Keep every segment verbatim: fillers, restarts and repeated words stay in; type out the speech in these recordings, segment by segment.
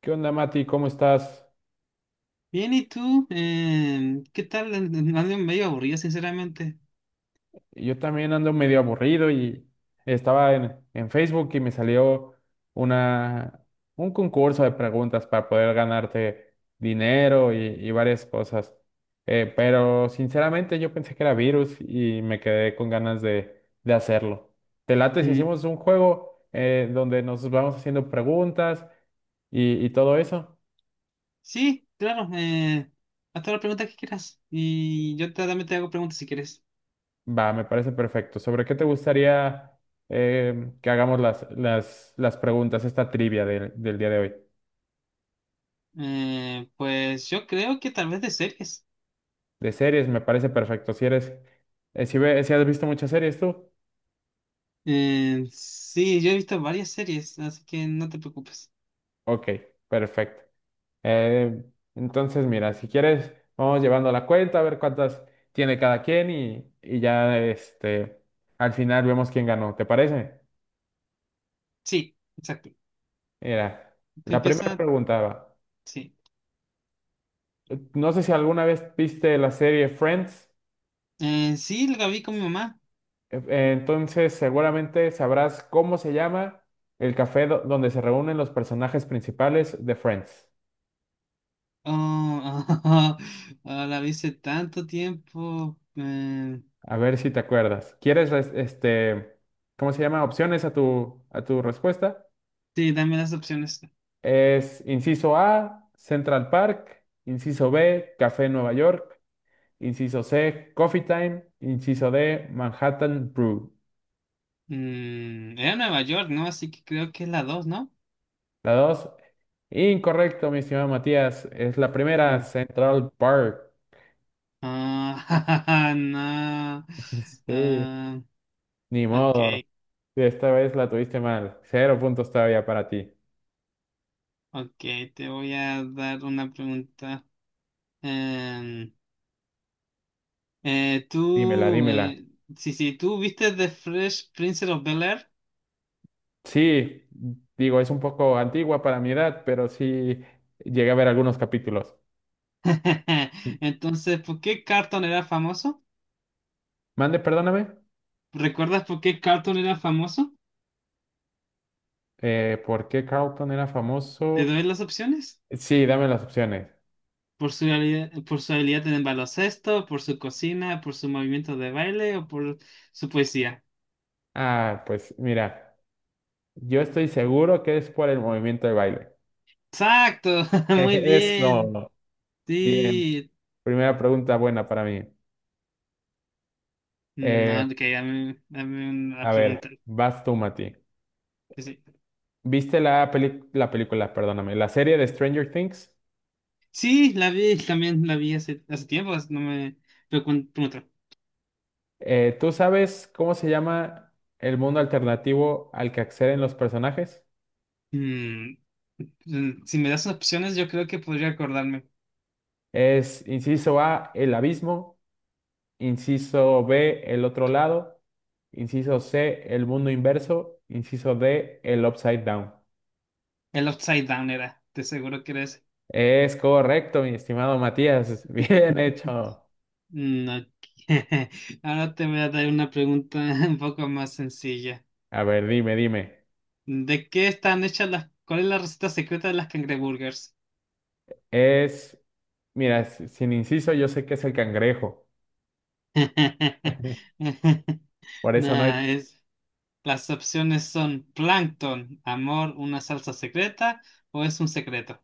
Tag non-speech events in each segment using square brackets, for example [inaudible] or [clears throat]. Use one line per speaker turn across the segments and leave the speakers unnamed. ¿Qué onda, Mati? ¿Cómo estás?
Bien, ¿y tú? Em, ¿qué tal? An- Ando medio aburrido, sinceramente.
Yo también ando medio aburrido y estaba en, en Facebook y me salió una, un concurso de preguntas para poder ganarte dinero y, y varias cosas. Eh, pero sinceramente yo pensé que era virus y me quedé con ganas de, de hacerlo. ¿Te late si
Mm.
hacemos un juego eh, donde nos vamos haciendo preguntas y y todo eso?
Sí, claro. Eh, haz todas las preguntas que quieras. Y yo te- también te hago preguntas si quieres.
Va, me parece perfecto. ¿Sobre qué te gustaría eh, que hagamos las, las, las preguntas, esta trivia del, del día de hoy?
Eh, pues yo creo que tal vez de series.
De series, me parece perfecto. Si eres, eh, si, ve- si has visto muchas series tú,
Eh, sí, yo he visto varias series, así que no te preocupes.
ok, perfecto. Eh, entonces, mira, si quieres, vamos llevando la cuenta a ver cuántas tiene cada quien y, y ya este, al final vemos quién ganó. ¿Te parece?
Sí, exacto.
Mira,
Tú
la primera
empieza,
pregunta va.
sí.
No sé si alguna vez viste la serie Friends.
Eh, sí, la vi con mi mamá.
E- eh, Entonces, seguramente sabrás cómo se llama el café do- donde se reúnen los personajes principales de Friends.
Oh, [laughs] ah, la vi hace tanto tiempo. Eh,
A ver si te acuerdas. ¿Quieres, res- este, cómo se llama? Opciones a tu, a tu respuesta.
sí, dame las opciones.
Es inciso A, Central Park. Inciso B, Café Nueva York. Inciso C, Coffee Time. Inciso D, Manhattan Brew.
Mm, era Nueva York, ¿no? Así que creo que es la dos, ¿no?
La dos, incorrecto, mi estimado Matías. Es la primera,
Mm.
Central Park.
Ah, [laughs] no.
[laughs] Sí,
Ah,
ni modo.
ok,
Sí, esta vez la tuviste mal. Cero puntos todavía para ti.
ok, te voy a dar una pregunta. Em, eh,
Dímela,
tú,
dímela.
eh, sí, sí, tú viste The Fresh Prince of Bel-Air.
Sí, digo, es un poco antigua para mi edad, pero sí llegué a ver algunos capítulos.
[laughs] Entonces, ¿por qué Carlton era famoso?
Mande, perdóname.
¿Recuerdas por qué Carlton era famoso?
Eh, ¿por qué Carlton era
¿Te
famoso?
doy las opciones?
Sí, dame las opciones.
Por su habilidad, por su habilidad en el baloncesto, por su cocina, por su movimiento de baile o por su poesía.
Ah, pues mira, yo estoy seguro que es por el movimiento de baile.
Exacto,
[laughs]
[laughs] muy bien.
Eso. Bien.
Sí.
Primera pregunta buena para mí. Eh,
No, ok, dame, dame una
a ver,
pregunta.
vas tú, Mati.
Que sí.
¿Viste la peli- la película, perdóname, la serie de Stranger Things?
Sí, la vi, también la vi hace, hace tiempo, así no me pregun- pregunto.
Eh, ¿tú sabes cómo se llama el mundo alternativo al que acceden los personajes?
Mm, mm, si me das opciones, yo creo que podría acordarme.
Es inciso A, el abismo; inciso B, el otro lado; inciso C, el mundo inverso; inciso D, el upside down.
El Upside Down era, te seguro que era ese.
Es correcto, mi estimado Matías, [laughs] bien hecho.
No, [laughs] ahora te voy a dar una pregunta [laughs] un poco más sencilla.
A ver, dime, dime.
¿De qué están hechas las... ¿Cuál es la receta secreta de las cangreburgers?
Es, mira, si- sin inciso yo sé que es el cangrejo. [laughs]
[laughs]
Por eso no hay.
Nah, es... Las opciones son plancton, amor, una salsa secreta o es un secreto.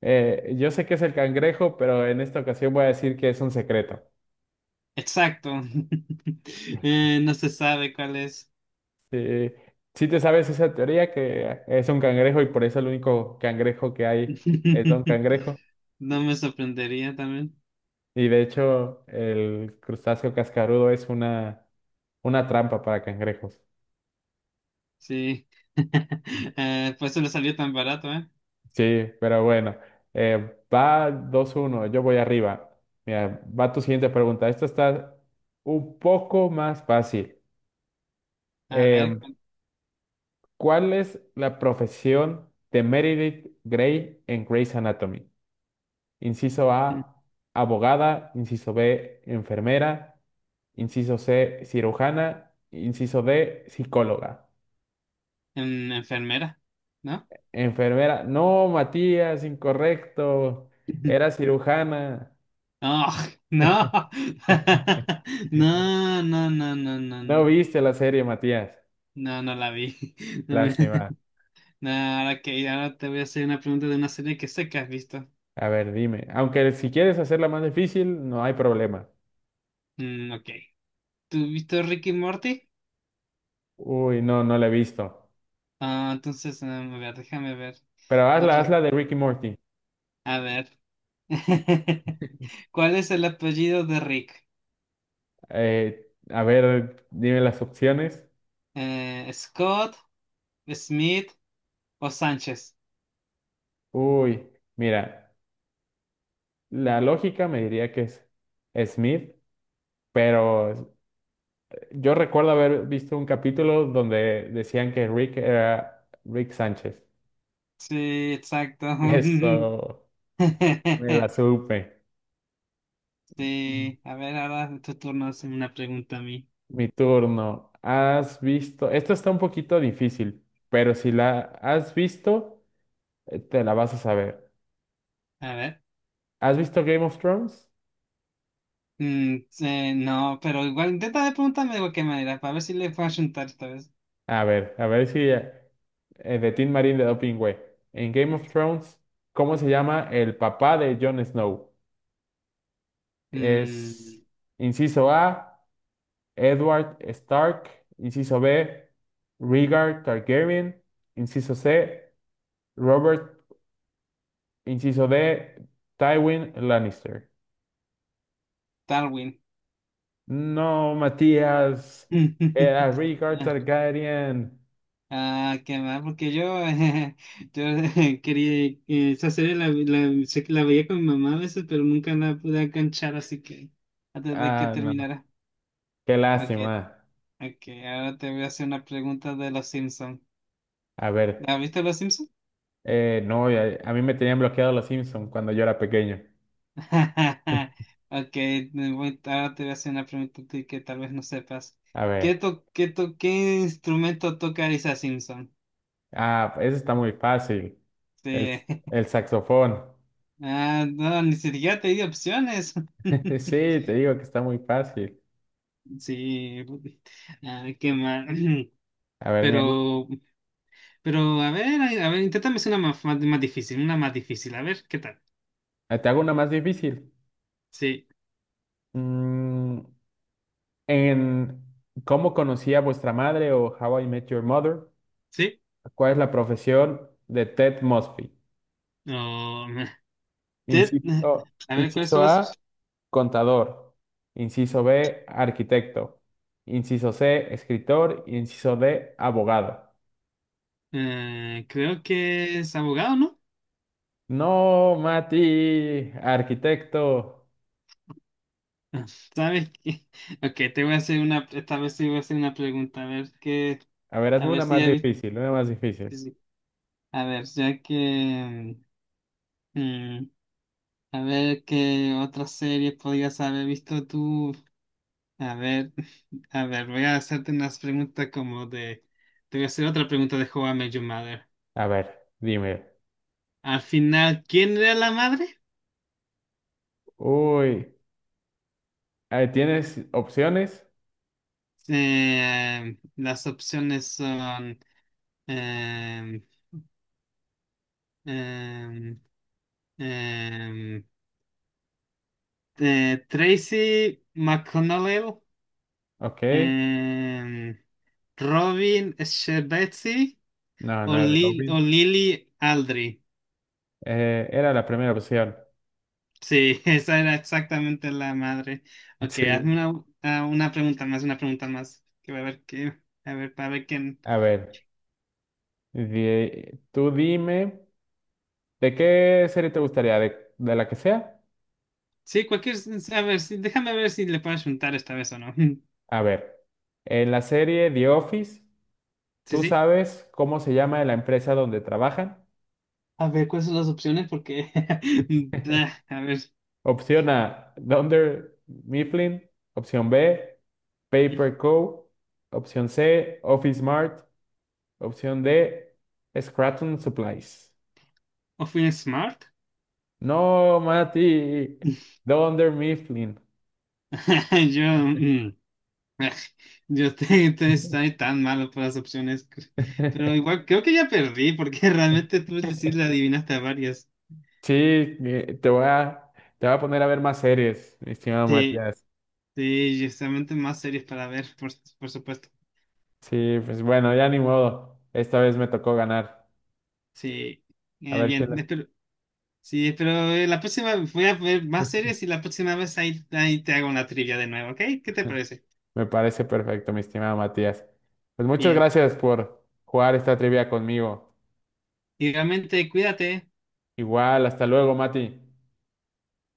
eh, Yo sé que es el cangrejo, pero en esta ocasión voy a decir que es un secreto.
Exacto. [laughs] Eh, no se sabe cuál es.
Sí, sí te sabes esa teoría que es un cangrejo y por eso el único cangrejo que hay es Don
[laughs]
Cangrejo.
No me sorprendería también.
Y de hecho, el crustáceo cascarudo es una, una trampa para cangrejos.
Sí. [laughs] Eh, por eso le salió tan barato, ¿eh?
Sí, pero bueno, eh, va dos uno, yo voy arriba. Mira, va tu siguiente pregunta. Esta está un poco más fácil.
A ver,
Em, ¿Cuál es la profesión de Meredith Grey en Grey's Anatomy? Inciso A, abogada. Inciso B, enfermera. Inciso C, cirujana. Inciso D, psicóloga.
en- enfermera, ¿no?
Enfermera. No, Matías, incorrecto.
[laughs]
Era cirujana.
Ah, no. [laughs] No, no, no, no, no,
No
no.
viste la serie, Matías.
No, no la vi. [laughs] No, me-
Lástima.
no, ahora que ahora te voy a hacer una pregunta de una serie que sé que has visto.
A ver, dime. Aunque si quieres hacerla más difícil, no hay problema.
Mm, ok. ¿Tú has visto Rick y Morty?
Uy, no, no la he visto.
Ah, entonces, mm, a ver, déjame ver.
Pero hazla,
Otros.
hazla de Ricky Morty.
A ver. [laughs] ¿Cuál es el apellido de Rick?
Eh, a ver, dime las opciones.
Eh, ¿Scott, Smith o Sánchez?
Uy, mira. La lógica me diría que es Smith, pero yo recuerdo haber visto un capítulo donde decían que Rick era Rick Sánchez.
Sí, exacto.
[laughs] Eso me la
[laughs]
supe.
Sí, a ver, ahora tu turno es una pregunta a mí.
Mi turno. ¿Has visto? Esto está un poquito difícil, pero si la has visto, eh, te la vas a saber.
A ver.
¿Has visto Game of Thrones?
Mm, eh, no, pero igual intenta de preguntarme de cualquier manera, para ver si le puedo juntar esta vez.
A ver, a ver si eh, de Tim Marín de Doping Way. En Game of Thrones, ¿cómo se llama el papá de Jon Snow?
Mm,
Es inciso A, Edward Stark. Inciso B, Rhaegar Targaryen. Inciso C, Robert. Inciso D, Tywin Lannister.
Darwin.
No, Matías, era
[laughs]
Rhaegar Targaryen.
Ah, qué mal, porque yo, [laughs] yo [laughs] quería eh, esa serie la, la, sé que la veía con mi mamá a veces, pero nunca la pude enganchar, así que antes de que
Ah, no, no.
terminara.
Qué
Ok,
lástima.
ok, ahora te voy a hacer una pregunta de Los Simpsons.
A ver,
¿Has visto Los Simpsons?
eh, no, a, a mí me tenían bloqueado los Simpsons cuando yo era pequeño.
[laughs]
[laughs]
Ok, me voy- ahora te voy a hacer una pregunta a ti que tal vez no sepas.
A ver,
¿Qué, to- qué, to- qué instrumento toca Lisa Simpson?
ah, eso está muy fácil. El,
Sí. [laughs]
el saxofón.
Ah, no, ni siquiera te di opciones.
[laughs] Sí,
[laughs]
te digo que está muy fácil.
Sí, ah, qué mal. [clears throat]
A ver, mira,
Pero, pero, a ver, a ver, inténtame hacer una más, más- más difícil, una más difícil, a ver, ¿qué tal?
eh, te hago una más difícil.
Sí,
Mm, en ¿Cómo conocí a vuestra madre o How I Met Your Mother?
sí.
¿Cuál es la profesión de Ted Mosby?
Oh, me- [laughs] te-
Inciso,
a ver, ¿cuáles
inciso
son
A,
las?
contador. Inciso B, arquitecto. Inciso C, escritor. Inciso D, abogado.
eh, creo que es abogado, ¿no?
No, Mati, arquitecto.
¿Sabes qué? [laughs] Ok, te voy a hacer una, esta vez sí voy a hacer una pregunta, a ver qué,
A ver,
a
hazme
ver
una
si
más
ya viste,
difícil, una más difícil.
a ver, ya que, mm, a ver qué otra serie podías haber visto tú, a ver, [laughs] a ver, voy a hacerte unas preguntas como de, te voy a hacer otra pregunta de How I Met Your Mother.
A ver, dime.
Al final, ¿quién era la madre?
Uy, eh, ¿tienes opciones?
Eh, las opciones son, em, em, em, eh, Tracy McConnell,
Ok.
em, Robin Scherbatsky
No,
o,
no era
Lil-
Robin.
o Lily Aldridge.
Eh, era la primera opción. [laughs]
Sí, [laughs] esa era exactamente la madre. Ok, hazme
Sí.
una, ah, una pregunta más, una pregunta más. Que va a ver qué, a ver, para ver quién.
A ver, di- tú dime, ¿de qué serie te gustaría? ¿De, de la que sea?
Sí, cualquier, a ver, sí, déjame ver si le puedes juntar esta vez o no. [laughs]
A ver, en la serie The Office,
Sí,
¿tú
sí.
sabes cómo se llama la empresa donde trabajan?
A ver, ¿cuáles son las opciones? Porque, [laughs] ah, a ver,
Opción A, Dunder Mifflin. Opción B, Paper Co. Opción C, Office Mart. Opción D, Scranton Supplies.
¿o fui smart?
No, Mati,
[laughs]
Dunder Mifflin.
Yo, mm, [laughs] yo te, entonces estoy tan malo por las opciones, pero
[laughs]
igual creo que ya perdí porque [laughs] realmente tú sí le adivinaste a varias.
Sí, eh, te voy a, te voy a poner a ver más series, mi estimado
Sí,
Matías.
sí, justamente más series para ver, por, por supuesto.
Sí, pues bueno, ya ni modo. Esta vez me tocó ganar.
Sí,
A
Eh,
ver si
bien,
las-
espero, sí, pero eh, la próxima voy a ver más series y la próxima vez ahí, ahí te hago una trivia de nuevo, ¿ok? ¿Qué te
[laughs]
parece?
me parece perfecto, mi estimado Matías. Pues muchas
Bien,
gracias por jugar esta trivia conmigo.
igualmente cuídate.
Igual, hasta luego, Mati.